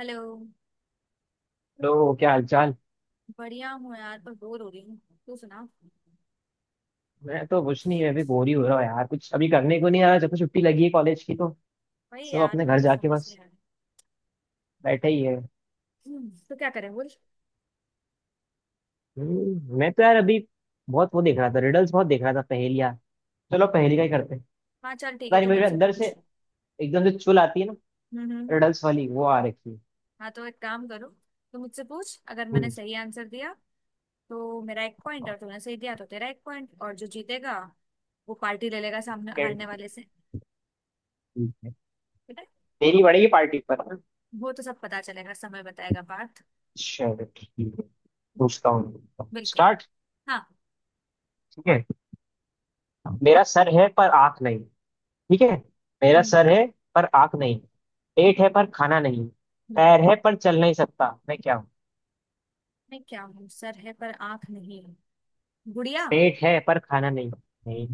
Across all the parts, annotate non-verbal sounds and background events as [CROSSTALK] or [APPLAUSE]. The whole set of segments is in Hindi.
हेलो। हेलो, क्या हालचाल। बढ़िया हूँ यार, पर बोर हो रही हूँ। तू सुना। मैं तो कुछ नहीं, मैं भी बोर ही हो रहा हूँ यार। कुछ अभी करने को नहीं आ रहा जब से छुट्टी लगी है कॉलेज की तो वही सब यार, अपने मैं घर भी जाके समझ नहीं बस आ रही। बैठे ही है। तो क्या करें बोल। मैं तो यार अभी बहुत वो देख रहा था रिडल्स, बहुत देख रहा था पहेलियां। चलो पहेली का ही करते हैं। हाँ, चल ठीक पता है, नहीं तो मेरे मुझसे अंदर से पूछ। एकदम से चुल आती है ना हम्म, हम्म। रिडल्स वाली, वो आ रखी है। हाँ, तो एक काम करो। तो मुझसे पूछ, अगर मैंने हम्म, सही आंसर दिया तो मेरा एक पॉइंट, और तूने सही दिया तो तेरा एक पॉइंट, और जो जीतेगा वो पार्टी ले लेगा सामने हारने ठीक। वाले से। ठीक है। ठीक है। तेरी पड़ेगी पार्टी पर, हाँ? वो तो सब पता चलेगा, समय बताएगा बात। चलो ठीक है, पूछता हूँ। बिल्कुल। स्टार्ट। हाँ। ठीक है। मेरा सर है पर आँख नहीं। ठीक है। मेरा हम्म, सर है पर आँख नहीं, पेट है पर खाना नहीं, हम्म। पैर है पर चल नहीं सकता, मैं क्या हूँ। मैं क्या हूँ? सर है पर आंख नहीं है। गुड़िया। पेट है पर खाना नहीं, नहीं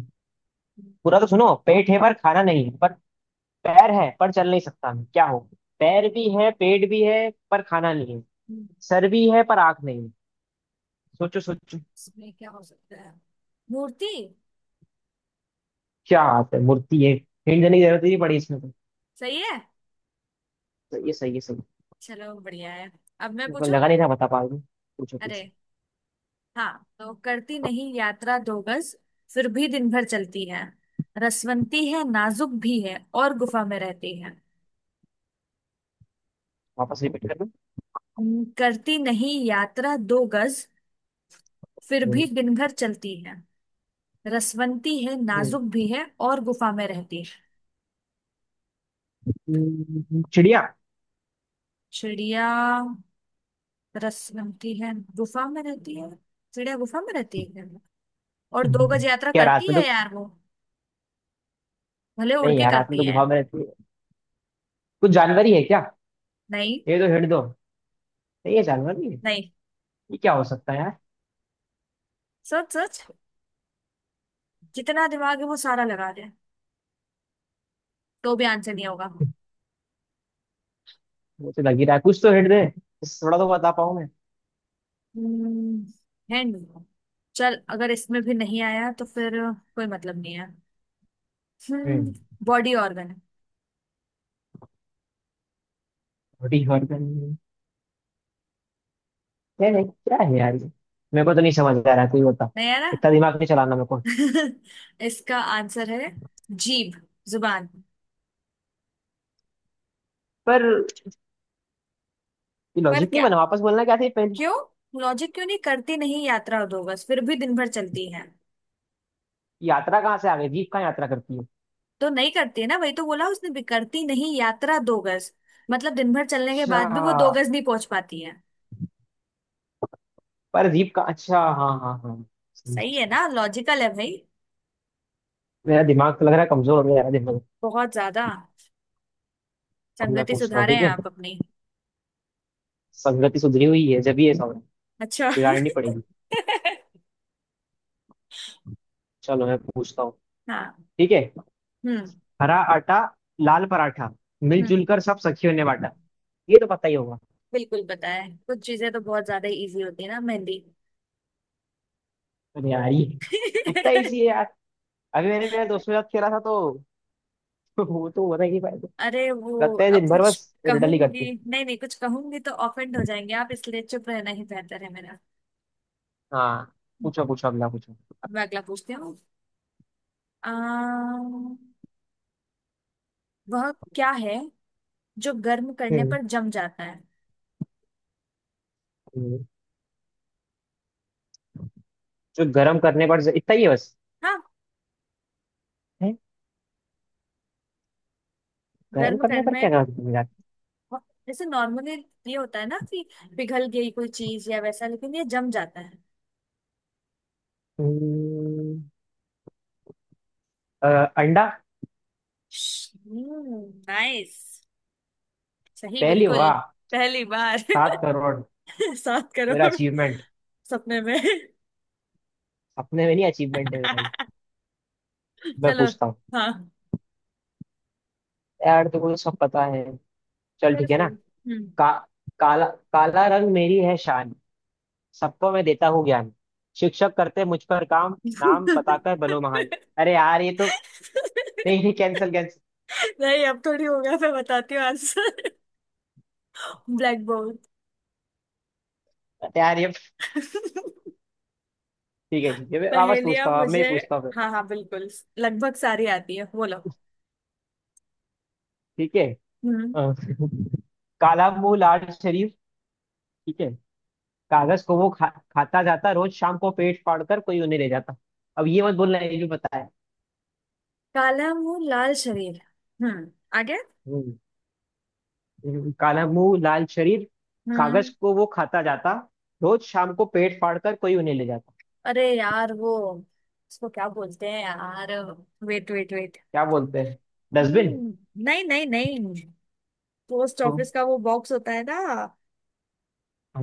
हम्म, पूरा तो सुनो। पेट है पर खाना नहीं है, पर पैर है पर चल नहीं सकता, मैं क्या हूँ। पैर भी है, पेट भी है पर खाना नहीं है, हम्म। सर भी है पर आँख नहीं है। सोचो सोचो। इसमें क्या हो सकता है? मूर्ति। क्या बात है, मूर्ति है। हिंट देने की जरूरत ही नहीं पड़ी इसमें तो। सही है। तो ये सही है, सही है। चलो, बढ़िया है। अब मैं मेरे को पूछूं। लगा नहीं था बता पाऊंगी। पूछो अरे। पूछो। हाँ, तो करती नहीं यात्रा दो गज, फिर भी दिन भर चलती है। रसवंती है, नाजुक भी है, और गुफा में रहती है। वापस रिपीट कर दो। करती नहीं यात्रा दो गज, फिर हम्म, भी दिन भर चलती है। रसवंती है, नाजुक भी है, और गुफा में रहती है। चिड़िया। चिड़िया? रसवंती है, गुफा में रहती है। चिड़िया गुफा में रहती है? और दो गज यात्रा क्या, रात करती में तो है यार वो, भले उड़ नहीं के यार, हाथ में करती तो है। गुफा में रहती है। कुछ जानवर ही है क्या? नहीं। ये तो हिंट दो। नहीं, ये जानवर नहीं है। नहीं। ये क्या हो सकता है यार? सोच सोच। जितना दिमाग है वो सारा लगा दे, तो भी आंसर नहीं होगा। वो तो लग ही रहा है, कुछ तो हिंट दे, इससे थोड़ा तो बता पाऊं मैं। है नहीं। चल, अगर इसमें भी नहीं आया तो फिर कोई मतलब नहीं है। हम्म। हम्म। Body organ. बॉडी हॉर्गन नहीं, नहीं क्या है यार ये। मेरे को तो नहीं समझ आ रहा है, कोई बता। नहीं है ना। इतना दिमाग नहीं चलाना मेरे को। [LAUGHS] इसका आंसर है जीभ। जुबान। पर ये पर लॉजिक नहीं क्या? बना, वापस बोलना क्या था ये पहले। क्यों? लॉजिक क्यों नहीं? करती नहीं यात्रा दो बस, फिर भी दिन भर चलती है। यात्रा कहाँ से आ गई, जीप कहाँ यात्रा करती है। तो नहीं करती है ना, वही तो बोला उसने भी, करती नहीं यात्रा दो गज। मतलब दिन भर चलने के अच्छा। बाद भी वो दो गज नहीं पहुंच पाती है। पर जीप का, अच्छा, हाँ हाँ हाँ। सही, सही, सही है सही। ना, लॉजिकल है भाई। मेरा दिमाग तो लग रहा है कमजोर हो गया यार, दिमाग। बहुत ज्यादा। अब मैं संगति पूछता हूँ, सुधारे ठीक हैं है। आप अपनी। संगति सुधरी हुई है, जब ये समझ अच्छा। बिगाड़नी [LAUGHS] पड़ेगी। चलो मैं पूछता हूँ। हाँ। ठीक है। हम्म, हरा आटा, लाल पराठा, हम्म। मिलजुल कर सब सखियों ने बांटा। ये तो पता ही होगा। बिल्कुल पता है, कुछ चीजें तो बहुत ज्यादा इजी होती है ना। मेहंदी। अरे यार ये इतना इजी है [LAUGHS] यार। अभी मैंने मेरे दोस्त के साथ खेला था तो [LAUGHS] वो तो बता ही नहीं पाया था। अरे वो लगता है अब दिन भर कुछ बस रिडल ही कहूंगी। करती। नहीं नहीं, कुछ कहूंगी तो ऑफेंड हो जाएंगे आप, इसलिए चुप रहना ही बेहतर है मेरा। हाँ, हम्म। पूछो पूछो, अगला पूछो। अब मैं अगला पूछती हूँ। वह क्या है जो गर्म करने हम्म पर जम जाता है? हम्म। जो गर्म करने पर, इतना ही है बस? हाँ। है। गर्म गर्म करने करने पर में, क्या करते हैं यार। जैसे नॉर्मली ये होता है ना कि पिघल गई कोई चीज या वैसा, लेकिन ये जम जाता है। हम्म, अ, अंडा। नाइस। सही, पहली बिल्कुल। वाह। पहली बार। 7 करोड़ [LAUGHS] सात मेरा करोड़ अचीवमेंट। सपने में। अपने में नहीं, अचीवमेंट है मेरा ये। [LAUGHS] मैं चलो। पूछता हूँ। हाँ। यार तो मुझे सब पता है, चल फिर ठीक है ना। फिर- हम्म। का, काला। काला रंग मेरी है शान, सबको मैं देता हूँ ज्ञान, शिक्षक करते मुझ पर काम, नाम बताकर [LAUGHS] बनो महान। अरे यार ये तो, नहीं नहीं, कैंसिल कैंसिल। नहीं, अब थोड़ी हो गया, मैं बताती हूँ आंसर। [LAUGHS] ब्लैक यार ये, बोर्ड। [LAUGHS] ठीक है ठीक है, मैं वापस पहेलियां पूछता हूँ, मैं ही मुझे पूछता हूँ फिर। हाँ हाँ, बिल्कुल, लगभग सारी आती है, बोलो। ठीक है। हम्म। अ, [LAUGHS] काला मुंह, लाल शरीफ, ठीक है, कागज को वो खाता जाता, रोज शाम को पेट फाड़कर कोई उन्हें ले जाता। अब ये मत बोलना ये भी पता है। काला मुंह लाल शरीर। हम्म। आगे। हम्म। काला मुंह, लाल शरीर, कागज हम्म। को वो खाता जाता, रोज शाम को पेट फाड़कर कोई उन्हें ले जाता। अरे यार वो, उसको क्या बोलते हैं यार? Wait wait wait. क्या बोलते हैं? डस्टबिन? हम्म। नहीं नहीं नहीं, पोस्ट तो ऑफिस का वो बॉक्स होता है ना।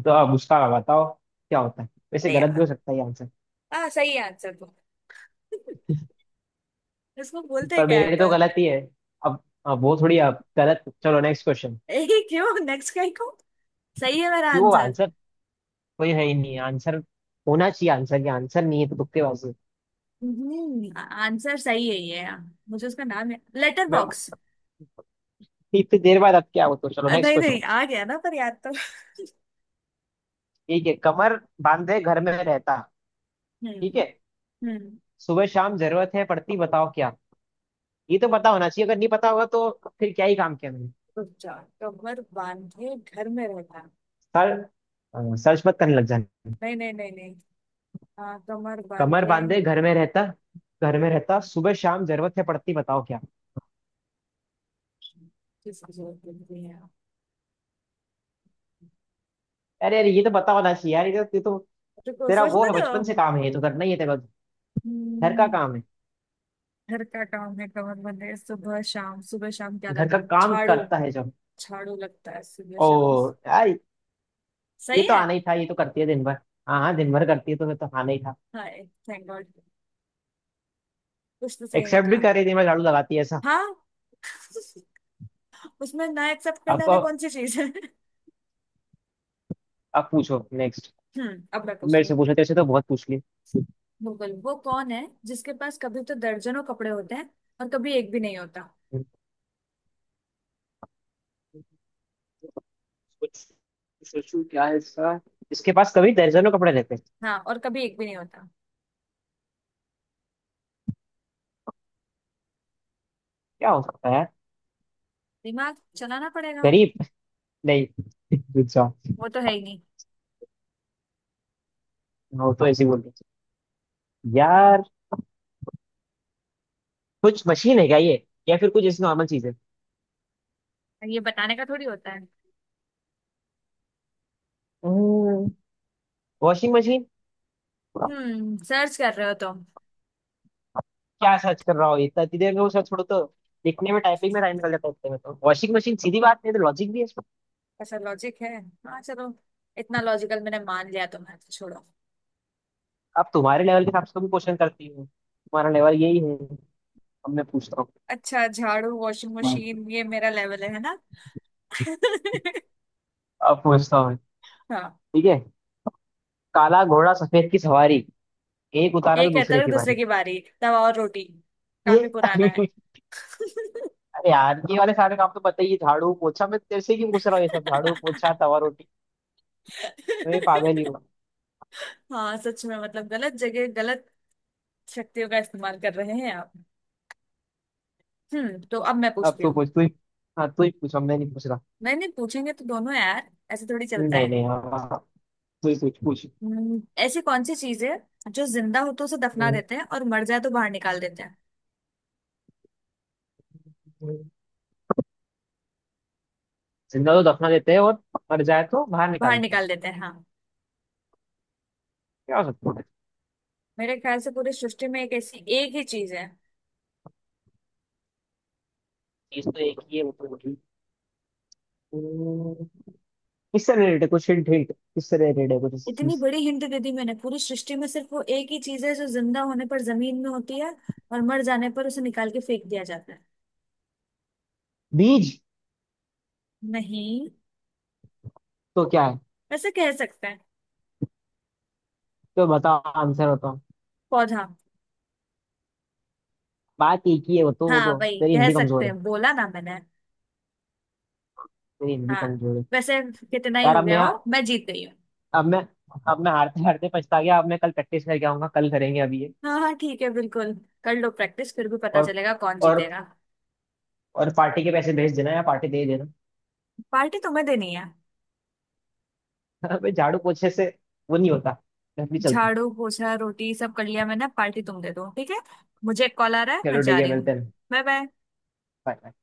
तो अब उसका बताओ क्या होता है, वैसे अरे गलत भी यार, हो सकता है आंसर। हाँ सही आंसर तो [LAUGHS] इसको बोलते हैं पर क्या मेरे है लिए तो पर। गलत ही है। अब वो थोड़ी, अब गलत, चलो [LAUGHS] नेक्स्ट क्वेश्चन। ए क्यों नेक्स्ट कहीं को? सही है मेरा क्यों आंसर। आंसर? कोई है ही नहीं आंसर, होना चाहिए आंसर। ये आंसर नहीं है, तो तुक्केबाजी। आंसर सही है ये, हाँ। मुझे उसका नाम है लेटर मैं बॉक्स। इतनी देर बाद अब क्या हो, तो चलो नेक्स्ट नहीं नहीं क्वेश्चन। आ गया ना, पर याद तो। ठीक है, कमर बांधे घर में रहता, हम्म, ठीक है, हम्म। सुबह शाम जरूरत है पड़ती, बताओ क्या। ये तो पता होना चाहिए, अगर नहीं पता होगा तो फिर क्या ही काम किया मैंने। रुक जा। कमर बांधे घर में रहता। सर सर्च मत करने लग जाना। नहीं नहीं नहीं नहीं। हाँ, कमर कमर बांधे। बांधे घर में रहता, घर में रहता, सुबह शाम जरूरत है पड़ती, बताओ क्या। किसकी जरूरत पड़ती है? अरे अरे, ये तो पता होना चाहिए यार, ये तो रुको, तेरा वो सोचने है, दो। बचपन से काम है ये, तो करना ही है तेरा, घर का हम्म, काम है। घर का काम है, कमर बंधे सुबह शाम। सुबह शाम क्या घर लगता का है? काम झाड़ू। करता है जब, झाड़ू लगता है सुबह ओ शाम। यार ये सही तो है। आना ही था, ये तो करती है दिन भर। हाँ हाँ, दिन भर करती है तो फिर तो आना ही था। हाय, थैंक गॉड, कुछ तो सही एक्सेप्ट भी निकला। कर रही है, दिन भर झाड़ू लगाती है ऐसा। हाँ। [LAUGHS] उसमें ना, एक्सेप्ट करने वाली अब कौन सी चीज है? अब पूछो नेक्स्ट। अब मैं पूछ मेरे रही से हूँ। पूछो, तेरे से तो बहुत पूछ ली। मुगल वो कौन है जिसके पास कभी तो दर्जनों कपड़े होते हैं और कभी एक भी नहीं होता? कुछ सोचू क्या है इसका। इसके पास कभी दर्जनों कपड़े रहते हैं, हाँ, और कभी एक भी नहीं होता। क्या हो सकता है यार। दिमाग चलाना पड़ेगा। गरीब? नहीं, अच्छा, वो तो है ही नहीं। वो तो ऐसे ही बोलते हैं। यार कुछ मशीन है क्या ये, या फिर कुछ ऐसी नॉर्मल चीज है? और ये बताने का थोड़ी होता है। Washing machine. सर्च कर रहे हो तुम। क्या सर्च कर रहा हो इतना, इतनी देर में वो सर्च छोड़ो तो। लिखने में, टाइपिंग में टाइम निकल जाता है, उतने में तो वॉशिंग मशीन, सीधी बात। नहीं तो लॉजिक भी है इसमें। अच्छा, लॉजिक है। हाँ, चलो। इतना लॉजिकल मैंने मान लिया, तुम्हें तो छोड़ो। आप, तुम्हारे लेवल के हिसाब से भी क्वेश्चन करती हो, तुम्हारा लेवल यही है। अब मैं पूछता अच्छा, झाड़ू वॉशिंग हूँ, मशीन ये मेरा लेवल है ना? [LAUGHS] अब पूछता हूँ, हाँ। ठीक है। काला घोड़ा सफेद की सवारी, एक उतारा तो एक है दूसरे तरक की दूसरे बारी। की बारी, तवा और रोटी, काफी ये पुराना है। [LAUGHS] अरे यार, ये वाले सारे काम तो पता ही है, झाड़ू पोछा, मैं तेरे से क्यों पूछ रहा हूँ ये सब, झाड़ू पोछा तवा रोटी, मैं पागल ही हूँ। [LAUGHS] हाँ सच में, मतलब गलत जगह, गलत शक्तियों का इस्तेमाल कर रहे हैं आप। तो अब मैं अब पूछती तू हूँ। पूछ, तू ही। हाँ तू ही पूछ, अब मैं नहीं पूछ रहा। नहीं नहीं, पूछेंगे तो दोनों यार, ऐसे थोड़ी चलता नहीं है। नहीं, हाँ हाँ, तू ही पूछ पूछ। ऐसी कौन सी चीज है जो जिंदा हो तो उसे दफना हम्म, देते हैं और मर जाए तो बाहर निकाल देते हैं? हम्म। जिंदा तो दफना देते हैं और मर जाए तो बाहर निकाल बाहर देते हैं, निकाल देते हैं, हाँ। क्या हो सकता है? मेरे ख्याल से पूरी सृष्टि में एक ऐसी एक ही चीज है। चीज तो एक ही है, वो तो वही। हम्म, किससे रिलेटेड है, कुछ हिंट, हिंट किससे रिलेटेड है, कुछ इस इतनी चीज। बड़ी हिंट दे दी मैंने, पूरी सृष्टि में सिर्फ वो एक ही चीज है जो जिंदा होने पर जमीन में होती है, और मर जाने पर उसे निकाल के फेंक दिया जाता है। बीज? नहीं, तो क्या है, ऐसे कह सकते हैं। तो बताओ, आंसर बताओ। पौधा। बात एक ही है, वो तो, वो हाँ तो वही तेरी कह हिंदी सकते कमजोर है, हैं, बोला ना मैंने। मेरी हिंदी हाँ। कमजोर है। वैसे, कितना ही यार हो गया हो, मैं जीत गई हूँ। अब मैं अब मैं हारते हारते पछता गया, अब मैं कल प्रैक्टिस करके आऊंगा, कल करेंगे अभी ये। हाँ हाँ, ठीक है, बिल्कुल। कर लो प्रैक्टिस, फिर भी पता और चलेगा कौन और जीतेगा। और पार्टी के पैसे भेज देना या पार्टी दे देना। पार्टी तुम्हें देनी है। [LAUGHS] अबे झाड़ू पोछे से वो नहीं होता, घर नहीं चलता। झाड़ू पोछा रोटी सब कर लिया मैंने, पार्टी तुम दे दो, ठीक है। मुझे एक कॉल आ रहा है, मैं चलो जा ठीक है, रही हूँ। मिलते हैं। Bye bye. Bye bye.